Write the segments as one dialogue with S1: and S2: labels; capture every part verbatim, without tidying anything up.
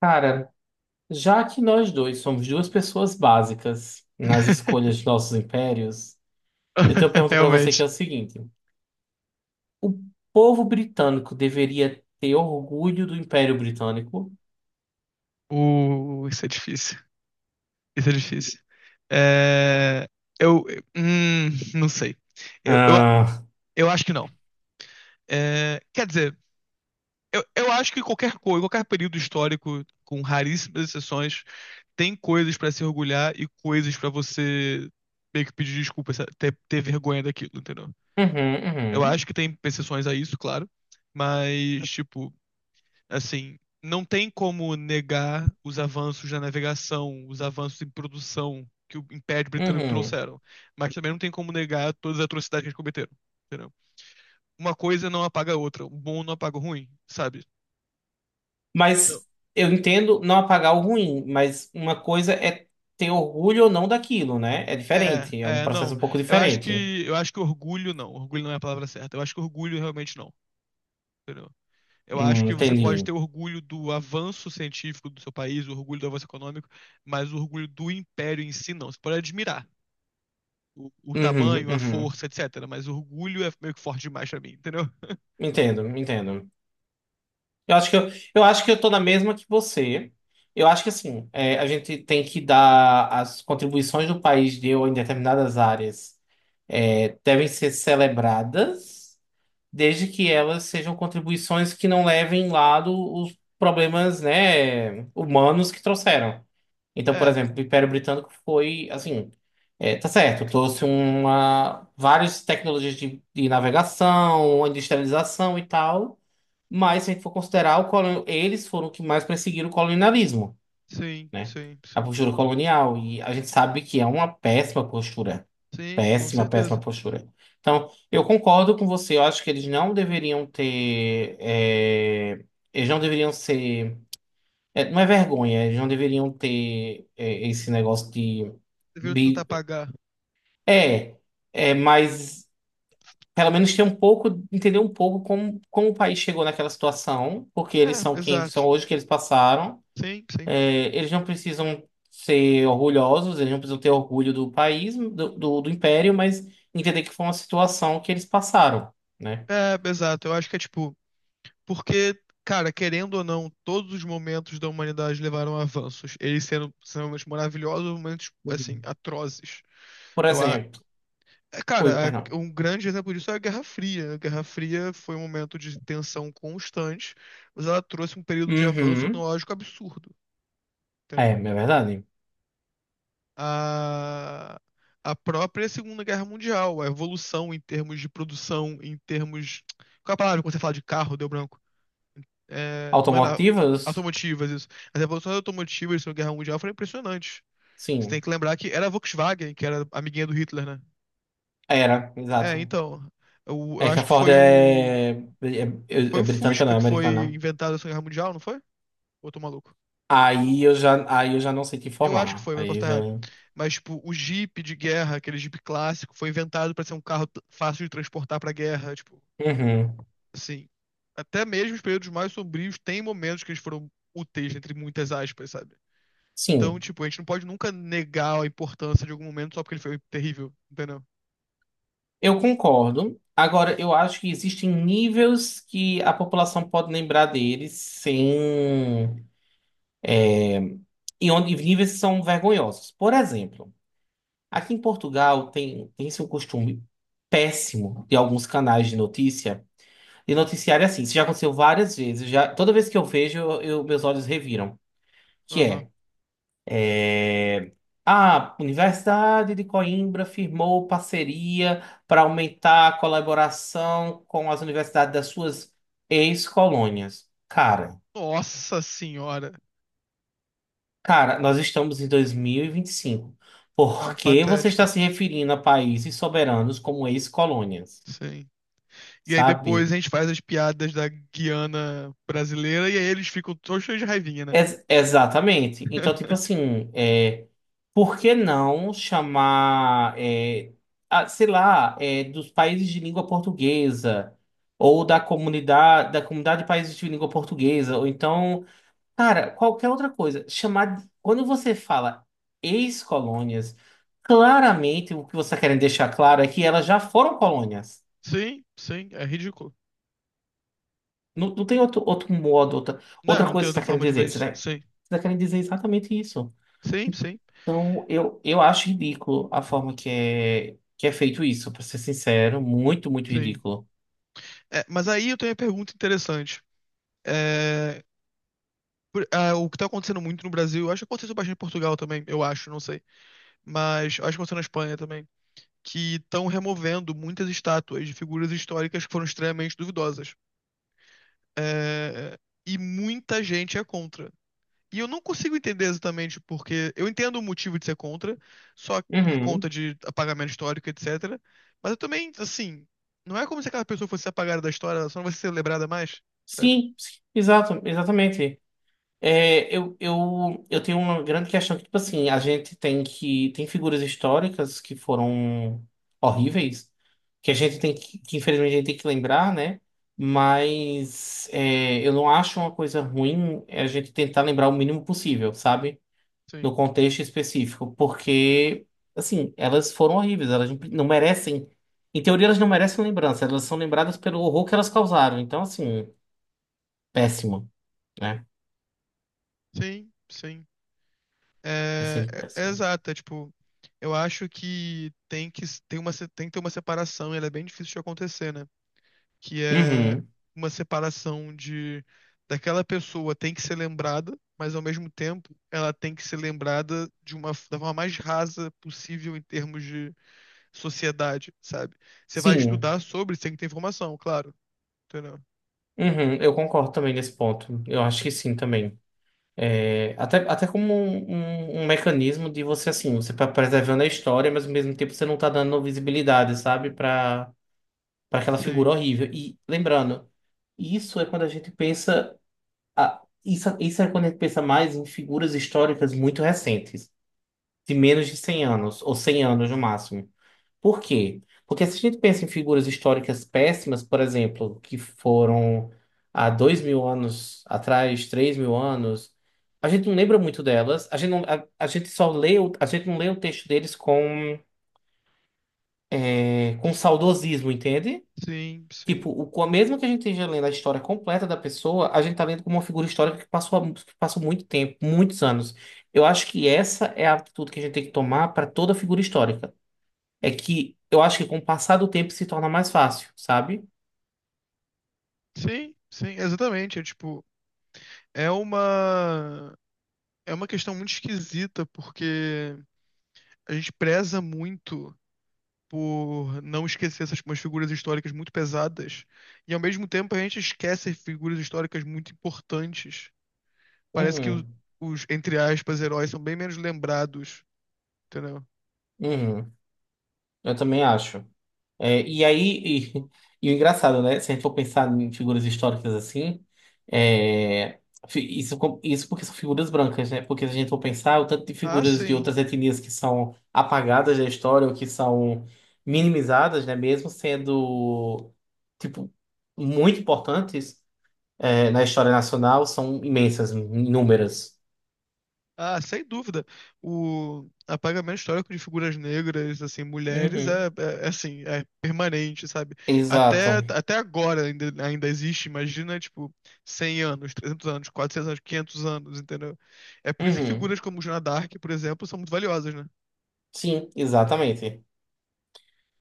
S1: Cara, já que nós dois somos duas pessoas básicas nas escolhas de nossos impérios, eu tenho uma pergunta pra você que é
S2: Realmente.
S1: o seguinte: o povo britânico deveria ter orgulho do Império Britânico?
S2: Uh, isso é difícil. Isso é difícil. É, eu, hum, não sei. Eu, eu,
S1: Ah,
S2: eu acho que não. É, quer dizer, eu, eu acho que qualquer coisa, qualquer período histórico, com raríssimas exceções, tem coisas pra se orgulhar e coisas pra você meio que pedir desculpa, sa- ter, ter vergonha daquilo, entendeu?
S1: uhum,
S2: Eu
S1: uhum,
S2: acho que tem exceções a isso, claro. Mas, tipo, assim, não tem como negar os avanços na navegação, os avanços em produção que o Império Britânico
S1: uhum.
S2: trouxeram. Mas também não tem como negar todas as atrocidades que eles cometeram. Entendeu? Uma coisa não apaga a outra. O bom não apaga o ruim, sabe? Então,
S1: Mas eu entendo não apagar o ruim, mas uma coisa é ter orgulho ou não daquilo, né? É diferente, é
S2: é,
S1: um
S2: é, não.
S1: processo um pouco
S2: Eu acho
S1: diferente.
S2: que, eu acho que orgulho não. Orgulho não é a palavra certa. Eu acho que orgulho realmente não. Entendeu? Eu acho
S1: Hum,
S2: que você pode
S1: entendi.
S2: ter orgulho do avanço científico do seu país, o orgulho do avanço econômico, mas o orgulho do império em si não. Você pode admirar, o, o
S1: Uhum,
S2: tamanho, a
S1: uhum.
S2: força, etcétera. Mas o orgulho é meio que forte demais pra mim, entendeu?
S1: Entendo, entendo. Eu acho que eu, eu acho que eu tô na mesma que você. Eu acho que assim, é, a gente tem que dar as contribuições do país deu em determinadas áreas é, devem ser celebradas desde que elas sejam contribuições que não levem em lado os problemas, né, humanos que trouxeram. Então, por
S2: É,
S1: exemplo, o Império Britânico foi assim, é, tá certo, trouxe uma várias tecnologias de, de navegação, industrialização e tal, mas se a gente for considerar, o colon- eles foram os que mais perseguiram o colonialismo,
S2: sim,
S1: né?
S2: sim,
S1: A
S2: sim.
S1: postura colonial, e a gente sabe que é uma péssima postura.
S2: Sim, com
S1: Péssima, péssima
S2: certeza.
S1: postura. Então, eu concordo com você. Eu acho que eles não deveriam ter. É, eles não deveriam ser. É, não é vergonha, eles não deveriam ter é, esse negócio de.
S2: Deveriam tentar
S1: bi-
S2: pagar.
S1: É, é, mas pelo menos ter um pouco, entender um pouco como, como o país chegou naquela situação, porque
S2: É,
S1: eles são quem são
S2: exato.
S1: hoje, que eles passaram.
S2: Sim, sim.
S1: É, eles não precisam ser orgulhosos, eles não precisam ter orgulho do país, do, do, do império, mas entender que foi uma situação que eles passaram, né?
S2: É, exato. Eu acho que é tipo, porque, cara, querendo ou não, todos os momentos da humanidade levaram a avanços. Eles sendo extremamente maravilhosos, momentos, assim,
S1: Uhum.
S2: atrozes.
S1: Por
S2: Eu, a-
S1: exemplo,
S2: É,
S1: ui,
S2: cara, a-
S1: perdão.
S2: um grande exemplo disso é a Guerra Fria, né? A Guerra Fria foi um momento de tensão constante, mas ela trouxe um período de avanço
S1: Uhum.
S2: tecnológico absurdo,
S1: É,
S2: entendeu?
S1: é verdade.
S2: A, a própria Segunda Guerra Mundial, a evolução em termos de produção, em termos... Qual é a palavra quando você fala de carro, deu branco? É, não é na...
S1: Automotivas?
S2: automotivas isso. As evoluções automotivas da Segunda Guerra Mundial foram impressionantes. Você tem
S1: Sim,
S2: que lembrar que era a Volkswagen, que era amiguinha do Hitler, né?
S1: era,
S2: É,
S1: exato.
S2: então, eu,
S1: É
S2: eu
S1: que
S2: acho
S1: a
S2: que
S1: Ford é,
S2: foi o...
S1: é, é-
S2: Foi
S1: é
S2: o
S1: britânica, não
S2: Fusca
S1: é
S2: que
S1: americana.
S2: foi inventado na Segunda Guerra Mundial, não foi? Ou eu tô maluco?
S1: Aí eu já, aí eu já não sei te
S2: Eu acho que
S1: informar.
S2: foi, mas eu posso
S1: Aí eu
S2: estar
S1: já.
S2: errado. Mas, tipo, o Jeep de guerra, aquele Jeep clássico, foi inventado pra ser um carro t- fácil de transportar pra guerra. Tipo,
S1: Uhum.
S2: assim. Até mesmo os períodos mais sombrios têm momentos que eles foram úteis, entre muitas aspas, sabe? Então,
S1: Sim.
S2: tipo, a gente não pode nunca negar a importância de algum momento só porque ele foi terrível, entendeu?
S1: Eu concordo. Agora, eu acho que existem níveis que a população pode lembrar deles sem. E onde e níveis que são vergonhosos. Por exemplo, aqui em Portugal tem, tem-se um costume péssimo de alguns canais de notícia de noticiário é assim. Isso já aconteceu várias vezes. Já, toda vez que eu vejo, eu- meus olhos reviram. Que
S2: Aham.
S1: é. A Universidade de Coimbra firmou parceria para aumentar a colaboração com as universidades das suas ex-colônias. Cara,
S2: Nossa senhora.
S1: cara, nós estamos em dois mil e vinte e cinco.
S2: Não,
S1: Por que você
S2: patético.
S1: está se referindo a países soberanos como ex-colônias?
S2: Sim. E aí depois
S1: Sabe?
S2: a gente faz as piadas da Guiana brasileira e aí eles ficam todos cheios de raivinha, né?
S1: Ex- exatamente. Então, tipo assim, é, por que não chamar, é, a- sei lá, é, dos países de língua portuguesa, ou da comunidade, da comunidade de países de língua portuguesa, ou então, cara, qualquer outra coisa. Chamar, quando você fala ex-colônias, claramente o que você está querendo deixar claro é que elas já foram colônias.
S2: Sim, sim, é ridículo.
S1: Não, não tem outro, outro modo, outra,
S2: Não,
S1: outra
S2: não tem
S1: coisa que você
S2: outra
S1: está querendo
S2: forma de ver
S1: dizer. Você
S2: isso.
S1: está, você
S2: Sim,
S1: está querendo dizer exatamente isso.
S2: sim, sim,
S1: Então, eu, eu acho ridículo a forma que é, que é feito isso, pra ser sincero, muito, muito
S2: sim.
S1: ridículo.
S2: É, mas aí eu tenho uma pergunta interessante. É, por- ah, o que tá acontecendo muito no Brasil, acho que aconteceu bastante em Portugal também, eu acho, não sei. Mas acho que aconteceu na Espanha também. Que estão removendo muitas estátuas de figuras históricas que foram extremamente duvidosas. É, e muita gente é contra. E eu não consigo entender exatamente porque. Eu entendo o motivo de ser contra, só por conta
S1: Uhum.
S2: de apagamento histórico, etcétera. Mas eu também, assim, não é como se aquela pessoa fosse apagada da história, ela só não vai ser lembrada mais, sabe?
S1: Sim, sim, exato, exatamente. É, eu, eu, eu tenho uma grande questão que, tipo assim, a gente tem que. Tem figuras históricas que foram horríveis, que a gente tem que, que infelizmente a gente tem que lembrar, né? Mas é, eu não acho uma coisa ruim a gente tentar lembrar o mínimo possível, sabe? No
S2: Sim,
S1: contexto específico, porque, assim, elas foram horríveis, elas não merecem. Em teoria, elas não merecem lembrança, elas são lembradas pelo horror que elas causaram. Então, assim, péssimo, né?
S2: sim, sim.
S1: É
S2: É,
S1: sempre
S2: é- é
S1: péssimo.
S2: exato, é tipo, eu acho que tem que, tem uma, se- tem que ter uma separação, e ela é bem difícil de acontecer, né? que é
S1: Uhum.
S2: uma separação de daquela pessoa tem que ser lembrada, mas ao mesmo tempo ela tem que ser lembrada de uma da forma mais rasa possível em termos de sociedade, sabe? Você vai
S1: Sim,
S2: estudar sobre, você tem que ter informação, claro, entendeu?
S1: uhum, eu concordo também nesse ponto. Eu acho que sim também. É, até, até como um, um- um mecanismo de você, assim, você tá preservando a história, mas ao mesmo tempo você não tá dando visibilidade, sabe, para para aquela figura
S2: Sim,
S1: horrível. E lembrando, isso é quando a gente pensa. Ah, isso, isso é quando a gente pensa mais em figuras históricas muito recentes, de menos de cem anos, ou cem anos no máximo. Por quê? Porque se a gente pensa em figuras históricas péssimas, por exemplo, que foram há dois mil anos atrás, três mil anos, a gente não lembra muito delas, a gente, não, a, a gente só lê, o- a gente não lê o texto deles com, eh, com saudosismo, entende?
S2: sim, sim.
S1: Tipo, o, co- mesmo que a gente esteja lendo a história completa da pessoa, a gente tá lendo como uma figura histórica que passou, há mu- que passou muito tempo, muitos anos. Eu acho que essa é a atitude que a gente tem que tomar para toda figura histórica. É que eu acho que com o passar do tempo se torna mais fácil, sabe?
S2: Sim, sim, exatamente, é tipo, é uma é uma questão muito esquisita porque a gente preza muito por não esquecer essas umas figuras históricas muito pesadas. E ao mesmo tempo a gente esquece figuras históricas muito importantes. Parece que o-
S1: Uhum,
S2: os, entre aspas, heróis são bem menos lembrados, entendeu?
S1: uhum. Eu também acho. É, e aí, e, e o engraçado, né? Se a gente for pensar em figuras históricas assim, é, fi- isso, com- isso porque são figuras brancas, né? Porque se a gente for pensar, o tanto de
S2: Ah,
S1: figuras de
S2: sim.
S1: outras etnias que são apagadas da história ou que são minimizadas, né? Mesmo sendo, tipo, muito importantes, é, na história nacional, são imensas, inúmeras.
S2: Ah, sem dúvida. O apagamento histórico de figuras negras, assim, mulheres,
S1: Uhum.
S2: é, é- é assim, é permanente, sabe? Até,
S1: Exato.
S2: até agora ainda, ainda existe, imagina, tipo, cem anos, trezentos anos, quatrocentos anos, quinhentos anos, entendeu? É por isso que
S1: Uhum.
S2: figuras como Joana d'Arc, por exemplo, são muito valiosas, né?
S1: Sim, exatamente.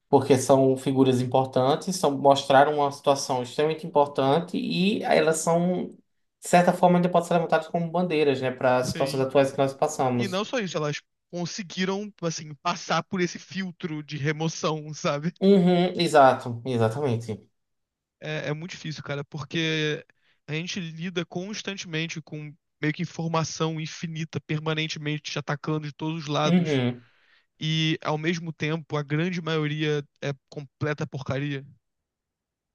S1: Porque são figuras importantes, são, mostraram uma situação extremamente importante e elas são, de certa forma, ainda podem ser levantadas como bandeiras, né, para as situações
S2: Sim.
S1: atuais que nós
S2: E não
S1: passamos.
S2: só isso, elas conseguiram, assim, passar por esse filtro de remoção, sabe?
S1: Uhum, exato, exatamente.
S2: É, é muito difícil, cara, porque a gente lida constantemente com meio que informação infinita, permanentemente te atacando de todos os lados.
S1: Uhum,
S2: E, ao mesmo tempo, a grande maioria é completa porcaria,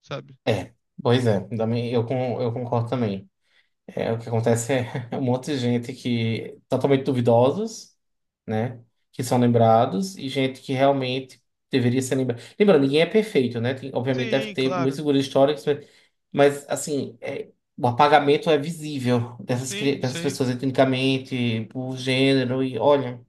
S2: sabe?
S1: é, pois é, também, eu, con- eu concordo também. É, o que acontece é um monte de gente que totalmente duvidosos, né, que são lembrados e gente que realmente deveria ser lembrada. Lembrando, ninguém é perfeito, né? Tem- obviamente deve
S2: Sim,
S1: ter muitas
S2: claro.
S1: figuras históricas. Mas, assim, é, o apagamento é visível dessas, cri-
S2: Sim,
S1: dessas
S2: sim,
S1: pessoas etnicamente, por gênero, e olha.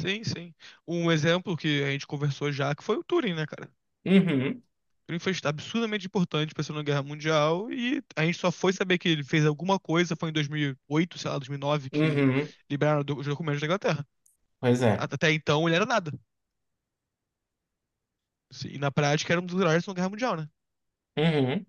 S2: sim, sim. Um exemplo que a gente conversou já, que foi o Turing, né, cara?
S1: Uhum,
S2: O Turing foi absurdamente importante pra Segunda Guerra Mundial e a gente só foi saber que ele fez alguma coisa, foi em dois mil e oito, sei lá, dois mil e nove, que
S1: uhum,
S2: liberaram do- os documentos da Inglaterra.
S1: pois é.
S2: Até então ele era nada. Sim, e na prática era um dos heróis da Segunda Guerra Mundial, né?
S1: Uhum.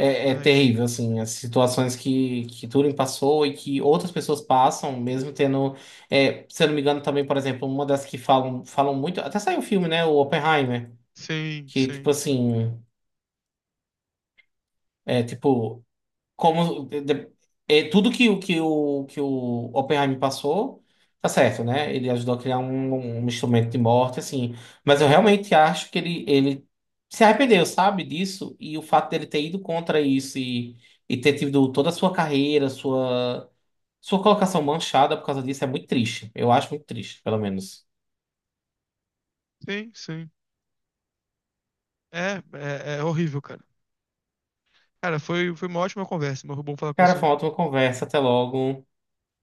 S1: É, é
S2: Ai, ai.
S1: terrível, assim, as situações que, que Turing passou e que outras pessoas passam, mesmo tendo. É, se eu não me engano, também, por exemplo, uma das que falam, falam muito. Até saiu um filme, né? O Oppenheimer,
S2: Sim,
S1: que, tipo
S2: sim,
S1: assim. É, tipo, como de- é, tudo que, o- que, o, que o Oppenheimer passou, tá certo, né? Ele ajudou a criar um, um instrumento de morte, assim. Mas eu
S2: sim.
S1: realmente acho que ele, ele se arrependeu, sabe, disso. E o fato dele ter ido contra isso e, e ter tido toda a sua carreira, sua, sua colocação manchada por causa disso é muito triste. Eu acho muito triste, pelo menos.
S2: Sim, sim. É, é, é horrível, cara. Cara, foi, foi uma ótima conversa, mas foi bom falar com
S1: Cara,
S2: você.
S1: foi uma ótima conversa. Até logo.